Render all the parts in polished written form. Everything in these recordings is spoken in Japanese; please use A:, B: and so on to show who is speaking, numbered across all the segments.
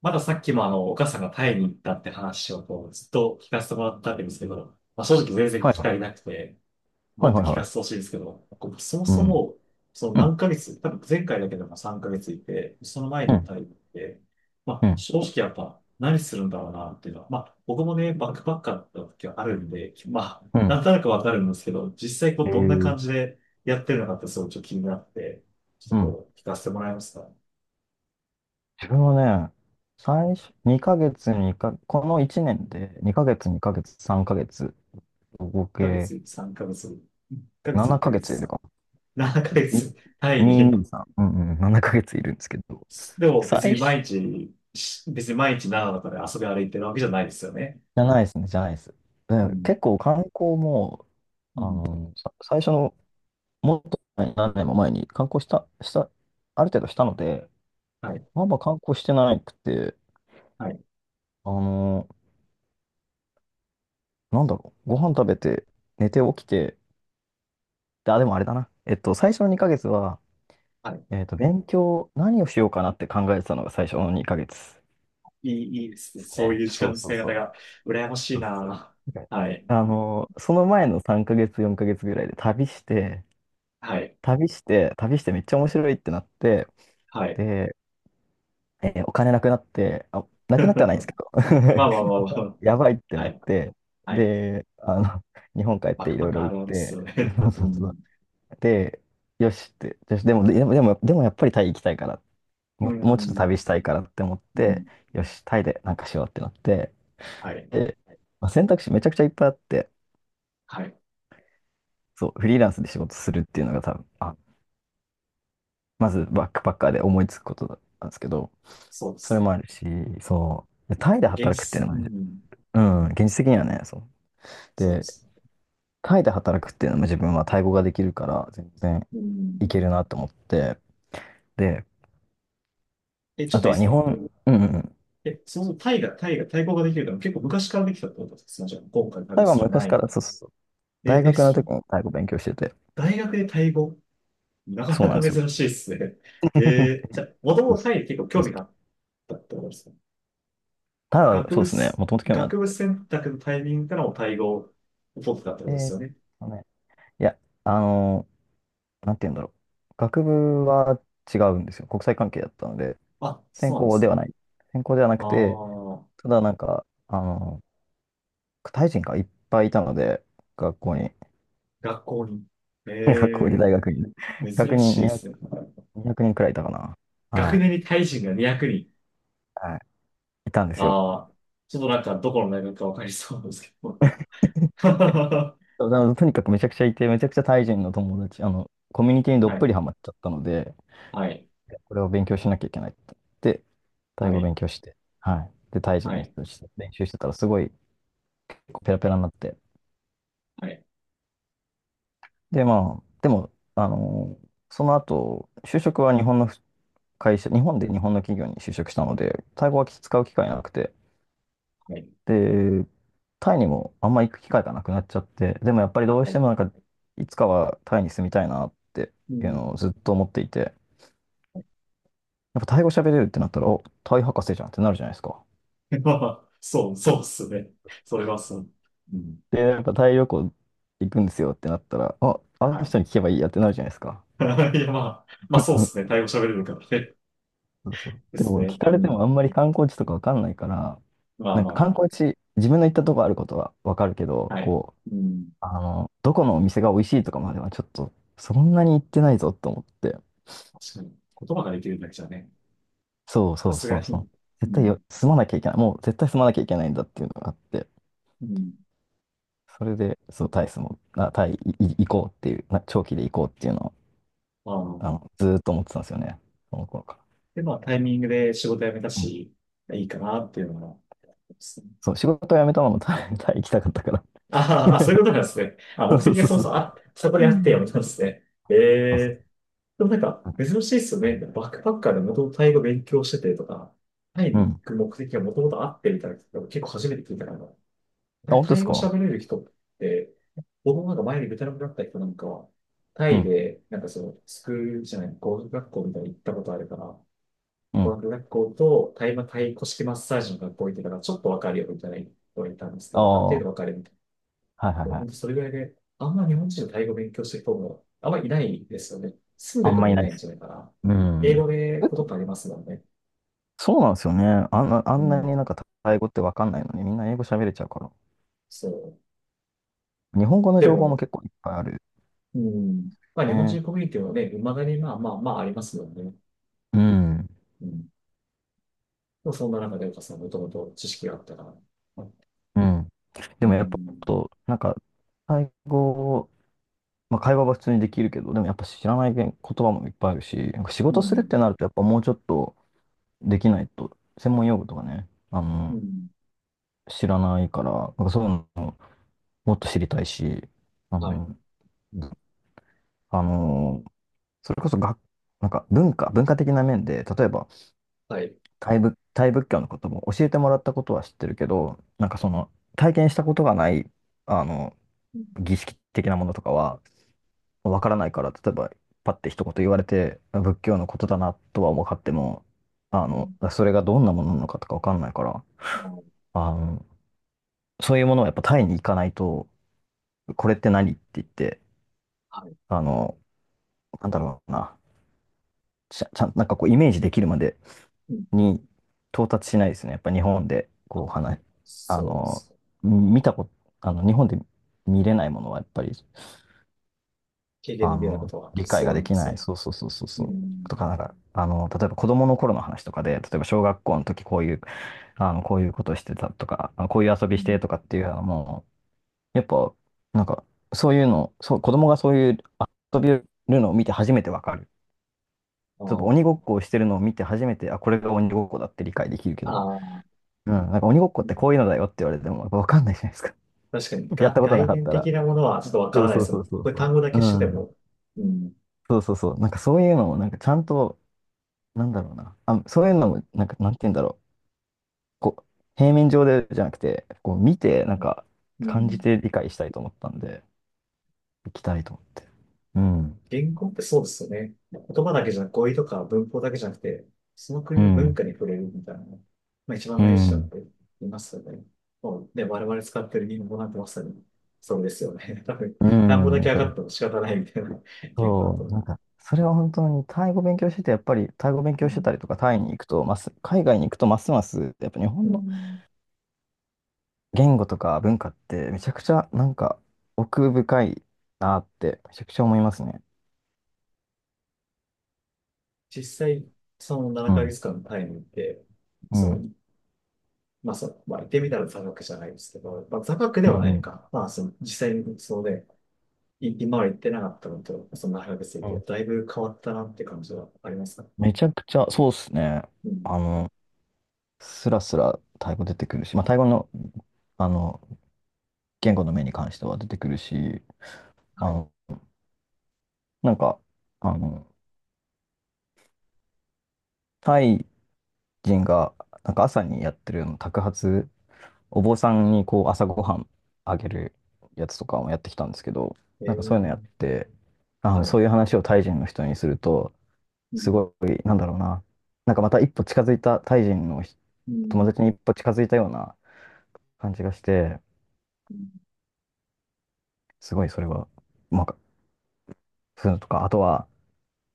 A: まださっきもお母さんがタイに行ったって話をずっと聞かせてもらったわけですけど、まあ、正直全然聞
B: はいは
A: き足り
B: い。
A: なくて、
B: は
A: も
B: い
A: っ
B: は
A: と
B: いは
A: 聞
B: いは
A: かせてほ
B: い。
A: しいんですけど、こうそも
B: う
A: そ
B: ん。
A: も、その
B: うん。
A: 何ヶ月、多分前回だけでも3ヶ月いて、その前
B: う
A: にも
B: ん。
A: タイに行って、ま
B: う
A: あ、
B: ん。
A: 正直やっぱ何するんだろうなっていうのは、まあ、僕もね、バックパッカーだった時はあるんで、まあ、
B: うん。
A: なんとなくわかるんですけど、実際こう、
B: え
A: どんな
B: ー、
A: 感じでやってるのかってすごいちょっと気になって、ちょ
B: う
A: っと
B: ん。
A: こう、聞かせてもらえますか？
B: 自分はね、最初、2ヶ月。この1年で2ヶ月、2ヶ月、3ヶ月、合
A: ヶ
B: 計
A: 月3ヶ月、1ヶ月1
B: 7
A: ヶ
B: ヶ
A: 月
B: 月いる
A: 3、
B: か
A: 7ヶ
B: も。
A: 月単位
B: 223。
A: に。
B: にさんうんうん。7ヶ月いるんですけど。
A: でも別
B: 最
A: に
B: 初。
A: 毎日、別に毎日長野から遊び歩いてるわけじゃないですよね。
B: じゃないですね、じゃないです。
A: う
B: で
A: ん。
B: 結構観光も、
A: うん。
B: 最初の、もっと前何年も前に観光した、ある程度したので、
A: はい。
B: まあまあ観光してなくて、
A: はい。
B: あの、なんだろう。ご飯食べて、寝て起きて、で、でもあれだな。最初の2ヶ月は、
A: はい。
B: 勉強、何をしようかなって考えてたのが最初の2ヶ月で
A: いいですね。
B: す
A: そうい
B: ね。
A: う時間
B: そう
A: の
B: そ
A: 使
B: う
A: い方
B: そ
A: が羨まし
B: う。
A: い
B: そうそう。
A: な。
B: なんか
A: はい。
B: その前の3ヶ月、4ヶ月ぐらいで旅して、
A: はい。
B: 旅して、旅してめっちゃ面白いってなって、
A: はい。
B: で、お金なくなって、あ、なくなってはないんですけど、
A: まあまあ まあ
B: お金
A: ま
B: や
A: あ。
B: ばいって
A: は
B: なっ
A: い。
B: て、
A: はい。
B: で、日本帰っ
A: バッ
B: て
A: ク
B: い
A: パッ
B: ろい
A: ク
B: ろ
A: あ
B: 売っ
A: るあるっす
B: て、
A: よね。うん。
B: で、よし、でもやっぱりタイ行きたいから、
A: う
B: もうちょっと
A: ん。
B: 旅したいからって思っ
A: う
B: て、
A: ん。
B: よし、タイでなんかしようってなって、
A: はい。
B: で、まあ、選択肢めちゃくちゃいっぱいあって、
A: はい。
B: そう、フリーランスで仕事するっていうのが多分、まずバックパッカーで思いつくことだったんですけど、
A: そうで
B: それ
A: す
B: もあるし、そう、でタイで
A: ね。現
B: 働くっていう
A: 実。
B: の
A: う
B: もね、
A: ん。
B: うん、現実的にはね、そう。
A: そうで
B: で、
A: すね。
B: タイで働くっていうのも自分はタイ語ができるから、全然
A: う
B: い
A: ん。
B: けるなと思って、で、
A: え、ちょ
B: あ
A: っと
B: と
A: いい
B: は
A: です
B: 日
A: か？
B: 本、うんうんうん。
A: え、そもそもタイが、タイが、対抗ができるから結構昔からできたってことですか？じゃあ、今回
B: タ
A: 旅
B: イは
A: する
B: 昔
A: 前
B: か
A: に。
B: ら、そうそう、
A: え、
B: 大
A: え、
B: 学の時
A: そ、
B: も太鼓勉強してて、
A: 大学でタイ語なか
B: そう
A: な
B: なんで
A: か
B: すよ。
A: 珍しいですね。えーじゃあ、もと
B: そ
A: も
B: う
A: とタ
B: そ
A: イに結構興
B: う
A: 味
B: そ
A: があっ
B: う。
A: たってことですか？
B: ただ、
A: 学
B: そう
A: 部
B: ですね、
A: す、
B: もともと興味あっ
A: 学部
B: て。
A: 選択のタイミングからもタイ語を取ってたってこ
B: え
A: とで
B: ー
A: す
B: っ
A: よね。
B: とね、いや、あのなんて言うんだろう。学部は違うんですよ。国際関係だったので、
A: あ、
B: 専
A: そうなんで
B: 攻で
A: す
B: は
A: ね。
B: ない。専攻ではな
A: あ
B: くて、
A: あ、
B: ただなんか、タイ人がいっぱいいたので、学校に、
A: 学校に。え
B: 学校に大学にね、
A: え
B: 100
A: 珍し
B: 人、
A: いで
B: 200、
A: すね。
B: 200人くにんくらいいたかな。
A: 学
B: は
A: 年にタイ人が200人。
B: い。はい。いたんですよ。
A: ああ、ちょっとなんかどこの大学かわかりそうなんですけど。は
B: そうだからとにかくめちゃくちゃいて、めちゃくちゃタイ人の友達、コミュニティにど
A: い、
B: っぷりハマっちゃったので、
A: はい、
B: これを勉強しなきゃいけないって言って、タイ
A: は
B: 語
A: い、
B: 勉強して、はい。で、タイ人
A: は
B: の
A: い、
B: 人として練習してたら、すごいペラペラになって。
A: はい、
B: で、まあ、でも、あのその後、就職は日本の会社、日本で日本の企業に就職したので、タイ語は使う機会なくて、
A: はい、
B: で、タイにもあんま行く機会がなくなっちゃって、でもやっぱりどう
A: は
B: して
A: い。
B: もなんか、いつかはタイに住みたいなって
A: う
B: いう
A: ん。
B: のをずっと思っていて、やっぱタイ語喋れるってなったら、お、タイ博士じゃんってなるじゃないですか。
A: まあ、そう、そうっすね。それはそう。うん。
B: で、やっぱタイ旅行行くんですよってなったら、あ、あ
A: は
B: の人に聞けばいいやってなるじゃないですか。
A: い。いや、まあ、まあ、そうっすね。タイ語喋れるからね。
B: そうそう。
A: で
B: で
A: す
B: も聞
A: ね。
B: か
A: う
B: れて
A: ん。
B: もあんまり観光地とかわかんないから、
A: まあ
B: なん
A: ま
B: か
A: あ
B: 観
A: ま
B: 光地、自分の行ったとこあることはわかるけ
A: あ。
B: ど、
A: はい。
B: こう、
A: うん。
B: どこのお店が美味しいとかまではちょっと、そんなに行ってないぞと思って。
A: 確かに。言葉ができるだけじゃね。
B: そう
A: さ
B: そう
A: す
B: そ
A: が
B: うそう。
A: に。う
B: 絶対よ、
A: ん。
B: 住まなきゃいけない。もう絶対住まなきゃいけないんだっていうのがあって。
A: うん。
B: それで、そう、タイスも、あ、タイ行こうっていう、長期で行こうっていうのを、
A: まあ、
B: ずーっと思ってたんですよね。その頃か
A: で、まあ、タイミングで仕事辞めた
B: ら。うん、
A: し、いいかなっていうのが、
B: そう、仕事を辞めたのもタイ行きたかったから。
A: ああ、そういうことなんですね。あ、目
B: そ
A: 的
B: う
A: が
B: そう
A: そも
B: そ
A: そ
B: う。
A: もあ、そこ
B: う
A: にあって
B: ん、
A: やめたんですね。え
B: そうそ
A: えでもなんか、
B: う
A: 珍しいですよね。バックパッカーでもともとタイ語勉強しててとか、タイ
B: ん。う
A: に行
B: ん、
A: く目的がもともとあってみたいな人結構初めて聞いたから、
B: あ、本当
A: タ
B: で
A: イ
B: す
A: 語
B: か。
A: 喋れる人って、僕もなんか前にベトナムだった人なんかは、タ
B: う
A: イ
B: ん。
A: で、なんかその、スクールじゃない、語学学校みたいに行ったことあるから、
B: う
A: 語
B: ん。
A: 学学校とタイ古式マッサージの学校行ってたから、ちょっとわかるよみたいな人がいたんですけ
B: あ
A: ど、ある
B: あ、
A: 程度
B: は
A: わかるみたいな
B: いはい
A: 本
B: は
A: 当
B: い。
A: それぐらいで、あんま日本人のタイ語を勉強してる人も、あんまりいないですよね。住ん
B: あ
A: で
B: ん
A: て
B: ま
A: も
B: い
A: い
B: な
A: な
B: い
A: い
B: で
A: んじ
B: す。
A: ゃないかな。
B: う
A: 英
B: ん。
A: 語で
B: え
A: ことってありますもんね。
B: そうなんですよね。あ
A: う
B: んな
A: ん。
B: になんかタイ語ってわかんないのに、みんな英語喋れちゃうから。
A: そう。
B: 日本語の
A: で
B: 情報も
A: も、
B: 結構いっぱいある。
A: うん。まあ日本
B: ね。
A: 人コミュニティはね、未だにまあまあまあありますもんね。
B: うん。
A: うん。でもそんな中で岡さんもともと知識があったから。
B: うん。
A: う
B: でもやっぱ、
A: ん。
B: と、なんか、タ語まあ、会話は普通にできるけど、でもやっぱ知らない言葉もいっぱいあるし、なんか仕
A: う
B: 事するっ
A: ん。
B: てなると、やっぱもうちょっとできないと、専門用語とかね、
A: うん。
B: 知らないから、なんかそういうのもっと知りたいし、あ
A: はい。
B: の、あの、それこそなんか文化、文化的な面で、例えば、
A: はい。
B: タイ仏教のことも教えてもらったことは知ってるけど、なんかその、体験したことがない、あの、
A: うん
B: 儀式的なものとかは、わからないから、例えば、パッて一言言われて、あ仏教のことだなとは分かっても、それがどんなものなのかとかわかんないから、あの、そういうものをやっぱタイに行かないと、これって何って言って、
A: あはい。
B: あの、なんだろうな、ちゃ、ちゃん、なんかこうイメージできるまで
A: うん。
B: に到達しないですね。やっぱ日本で、こう
A: あ、
B: 話、あ
A: そうで
B: の、
A: す。
B: 見たこと、あの、日本で見れないものはやっぱり、
A: 経験できないことは
B: 理解
A: そ
B: が
A: うな
B: で
A: んで
B: き
A: す
B: な
A: よ。
B: い。そうそうそうそう
A: う
B: そう。
A: ん。
B: とか、なんか、例えば子供の頃の話とかで、例えば小学校の時こういう、こういうことしてたとか、あこういう遊
A: う
B: びして
A: ん
B: とかっていうのはもう、やっぱ、なんか、そういうの、そう、子供がそういう遊びをるのを見て初めてわかる。例えば鬼ごっこをしてるのを見て初めて、あ、これが鬼ごっこだって理解できるけ
A: あ
B: ど、
A: あ。ああ。
B: うん、なんか鬼ごっこってこういうのだよって言われても、やっぱわかんないじゃないですか。
A: 確かに、
B: やっ
A: が、
B: たことな
A: 概
B: かっ
A: 念
B: たら。
A: 的なものはちょっとわか
B: そ
A: ら
B: う
A: ない
B: そ
A: で
B: う
A: すも
B: そう
A: ん。
B: そう
A: これ
B: そ
A: 単語だ
B: う。
A: けし
B: う
A: てて
B: ん。
A: も。うん。
B: そうそうそう。なんかそういうのを、なんかちゃんと、なんだろうな。あ、そういうのも、なんか、なんて言うんだろう。こう、平面上でじゃなくて、こう、見て、なんか、
A: う
B: 感じ
A: ん。
B: て理解したいと思ったんで、行きたいと思って。うん。
A: 言語ってそうですよね。言葉だけじゃなく、語彙とか文法だけじゃなくて、その
B: う
A: 国の文
B: ん。
A: 化に触れるみたいな。まあ一番
B: う
A: 大事だっ
B: ん。
A: て言いますよね。もうね、我々使ってる日本語なんてまさにそうですよね。多分、
B: う
A: 単語だ
B: ん、や
A: け
B: っ
A: 上
B: ぱ
A: がっても仕方ないみたいな言語だと
B: そう、
A: 思
B: な
A: う。
B: んか、それは本当に、タイ語勉強してて、やっぱり、タイ語勉
A: う
B: 強してた
A: ん
B: りとか、タイに行くと、海外に行くと、ますます、やっぱ日
A: う
B: 本の
A: ん。
B: 言語とか文化って、めちゃくちゃ、なんか、奥深いなって、めちゃくちゃ思いますね。
A: 実際、その
B: う
A: 7ヶ
B: ん。
A: 月間のタイムって、
B: う
A: そ
B: ん。
A: のまあ、そう、まあ、言ってみたら座学じゃないですけど、まあ、座学で
B: う
A: はないの
B: ん
A: か。まあ、その、実際にそうで、い今は行ってなかったのと、その大学生っ
B: う
A: て、
B: ん。
A: だいぶ変わったなって感じはありますか？
B: めちゃくちゃ、そうですね。
A: うん。
B: あの、スラスラタイ語出てくるし、まあ、タイ語の、あの、言語の面に関しては出てくるし、
A: は
B: あ
A: い。
B: の、なんか、あの、タイ人が、なんか朝にやってるの托鉢、お坊さんにこう朝ごはんあげるやつとかもやってきたんですけど、
A: え
B: なんかそういうのやっ
A: ー、
B: て、
A: はい。
B: そういう話をタイ人の人にすると、
A: う
B: す
A: ん。
B: ごい、なんだろうな、なんかまた一歩近づいたタイ人の
A: う
B: 友達
A: ん
B: に一歩近づいたような感じがして、
A: うん
B: すごいそれは、うまく、そういうのとか、あとは、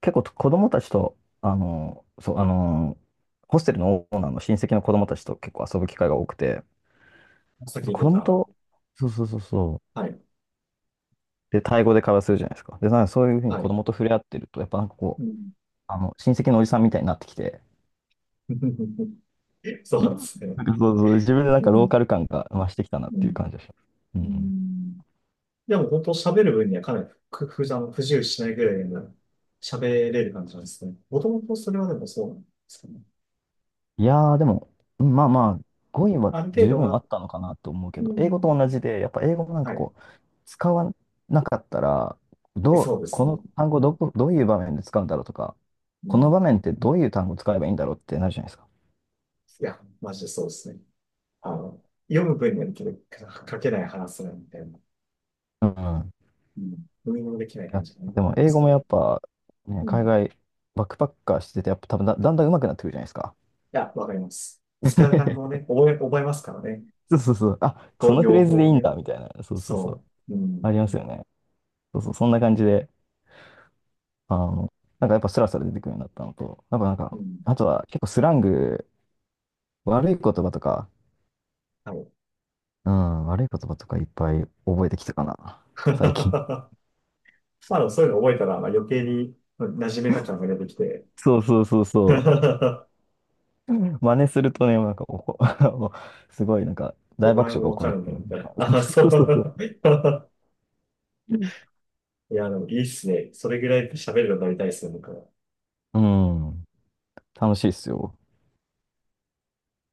B: 結構子供たちと、ホステルのオーナーの親戚の子供たちと結構遊ぶ機会が多くて、やっ
A: さっき
B: ぱ
A: 言っ
B: 子
A: て
B: 供
A: た、
B: と、そうそうそうそ
A: はい。
B: う、で、タイ語で会話するじゃないですか。で、なんかそういうふうに
A: は
B: 子
A: い。
B: 供と触れ合ってると、やっぱなんかこ
A: う
B: う、
A: ん
B: 親戚のおじさんみたいになってきて、
A: そうなんですね。
B: なんかそうそう、自分でなん
A: う
B: かロー
A: ん。
B: カル感が増してきたなっ
A: う
B: ていう感
A: ん。
B: じがします。う
A: う
B: ん、
A: んでも、本当喋る分にはかなりふふあの不自由しないぐらいの喋れる感じなんですね。もともとそれはでもそうなんですかね。
B: いやー、でも、うん、まあまあ、語彙は
A: ある程
B: 十
A: 度
B: 分あ
A: は、
B: ったのかなと思うけ
A: う
B: ど、英語
A: ん。
B: と同じで、やっぱ英語もなんかこう、使わなかったら、
A: え
B: どう、
A: そうです
B: この
A: ね。
B: 単語どこ、どういう場面で使うんだろうとか、
A: う
B: この
A: ん。
B: 場面ってどういう単語使えばいいんだろうってなるじゃないですか。
A: いや、マジでそうですね。あの、読む分にはできるけど、書けない話せないみたいな。
B: うん。
A: うん。読みもできない
B: いや、
A: 話がね、
B: で
A: あ
B: も、
A: りま
B: 英
A: す
B: 語
A: け
B: も
A: ど。い
B: やっぱ、ね、
A: うん
B: 海
A: い
B: 外、バックパッカーしてて、やっぱ多分だんだん上手くなってくるじゃないですか。
A: や、わかります。使う単語をね、覚えますからね。
B: そうそうそう。あ、そ
A: こう、
B: のフ
A: 用
B: レーズ
A: 法
B: でい
A: を
B: いん
A: ね。
B: だ、みたいな。そうそうそう。
A: そう。う
B: あ
A: ん。
B: りますよね。そうそう、そんな感じで。あの、なんかやっぱスラスラ出てくるようになったのと、なん
A: う
B: か、
A: ん。
B: あとは結構スラング、悪い言葉とか、
A: はい。
B: うん、悪い言葉とかいっぱい覚えてきたかな、最近。
A: まあ、でもそういうの覚えたら、まあ、余計に馴染めた感が出てきて、
B: そうそうそうそ う。うん、真似するとね、なんかおこ、もうすごいなんか
A: お
B: 大
A: 前
B: 爆笑
A: も
B: が起
A: わ
B: こ
A: か
B: る。
A: るんだよ、みたいな。あ、そ
B: そうそうそう。
A: う。いや、でもいいっすね。それぐらい喋るのになりたいっすね、僕は。
B: うん、楽しいっすよ。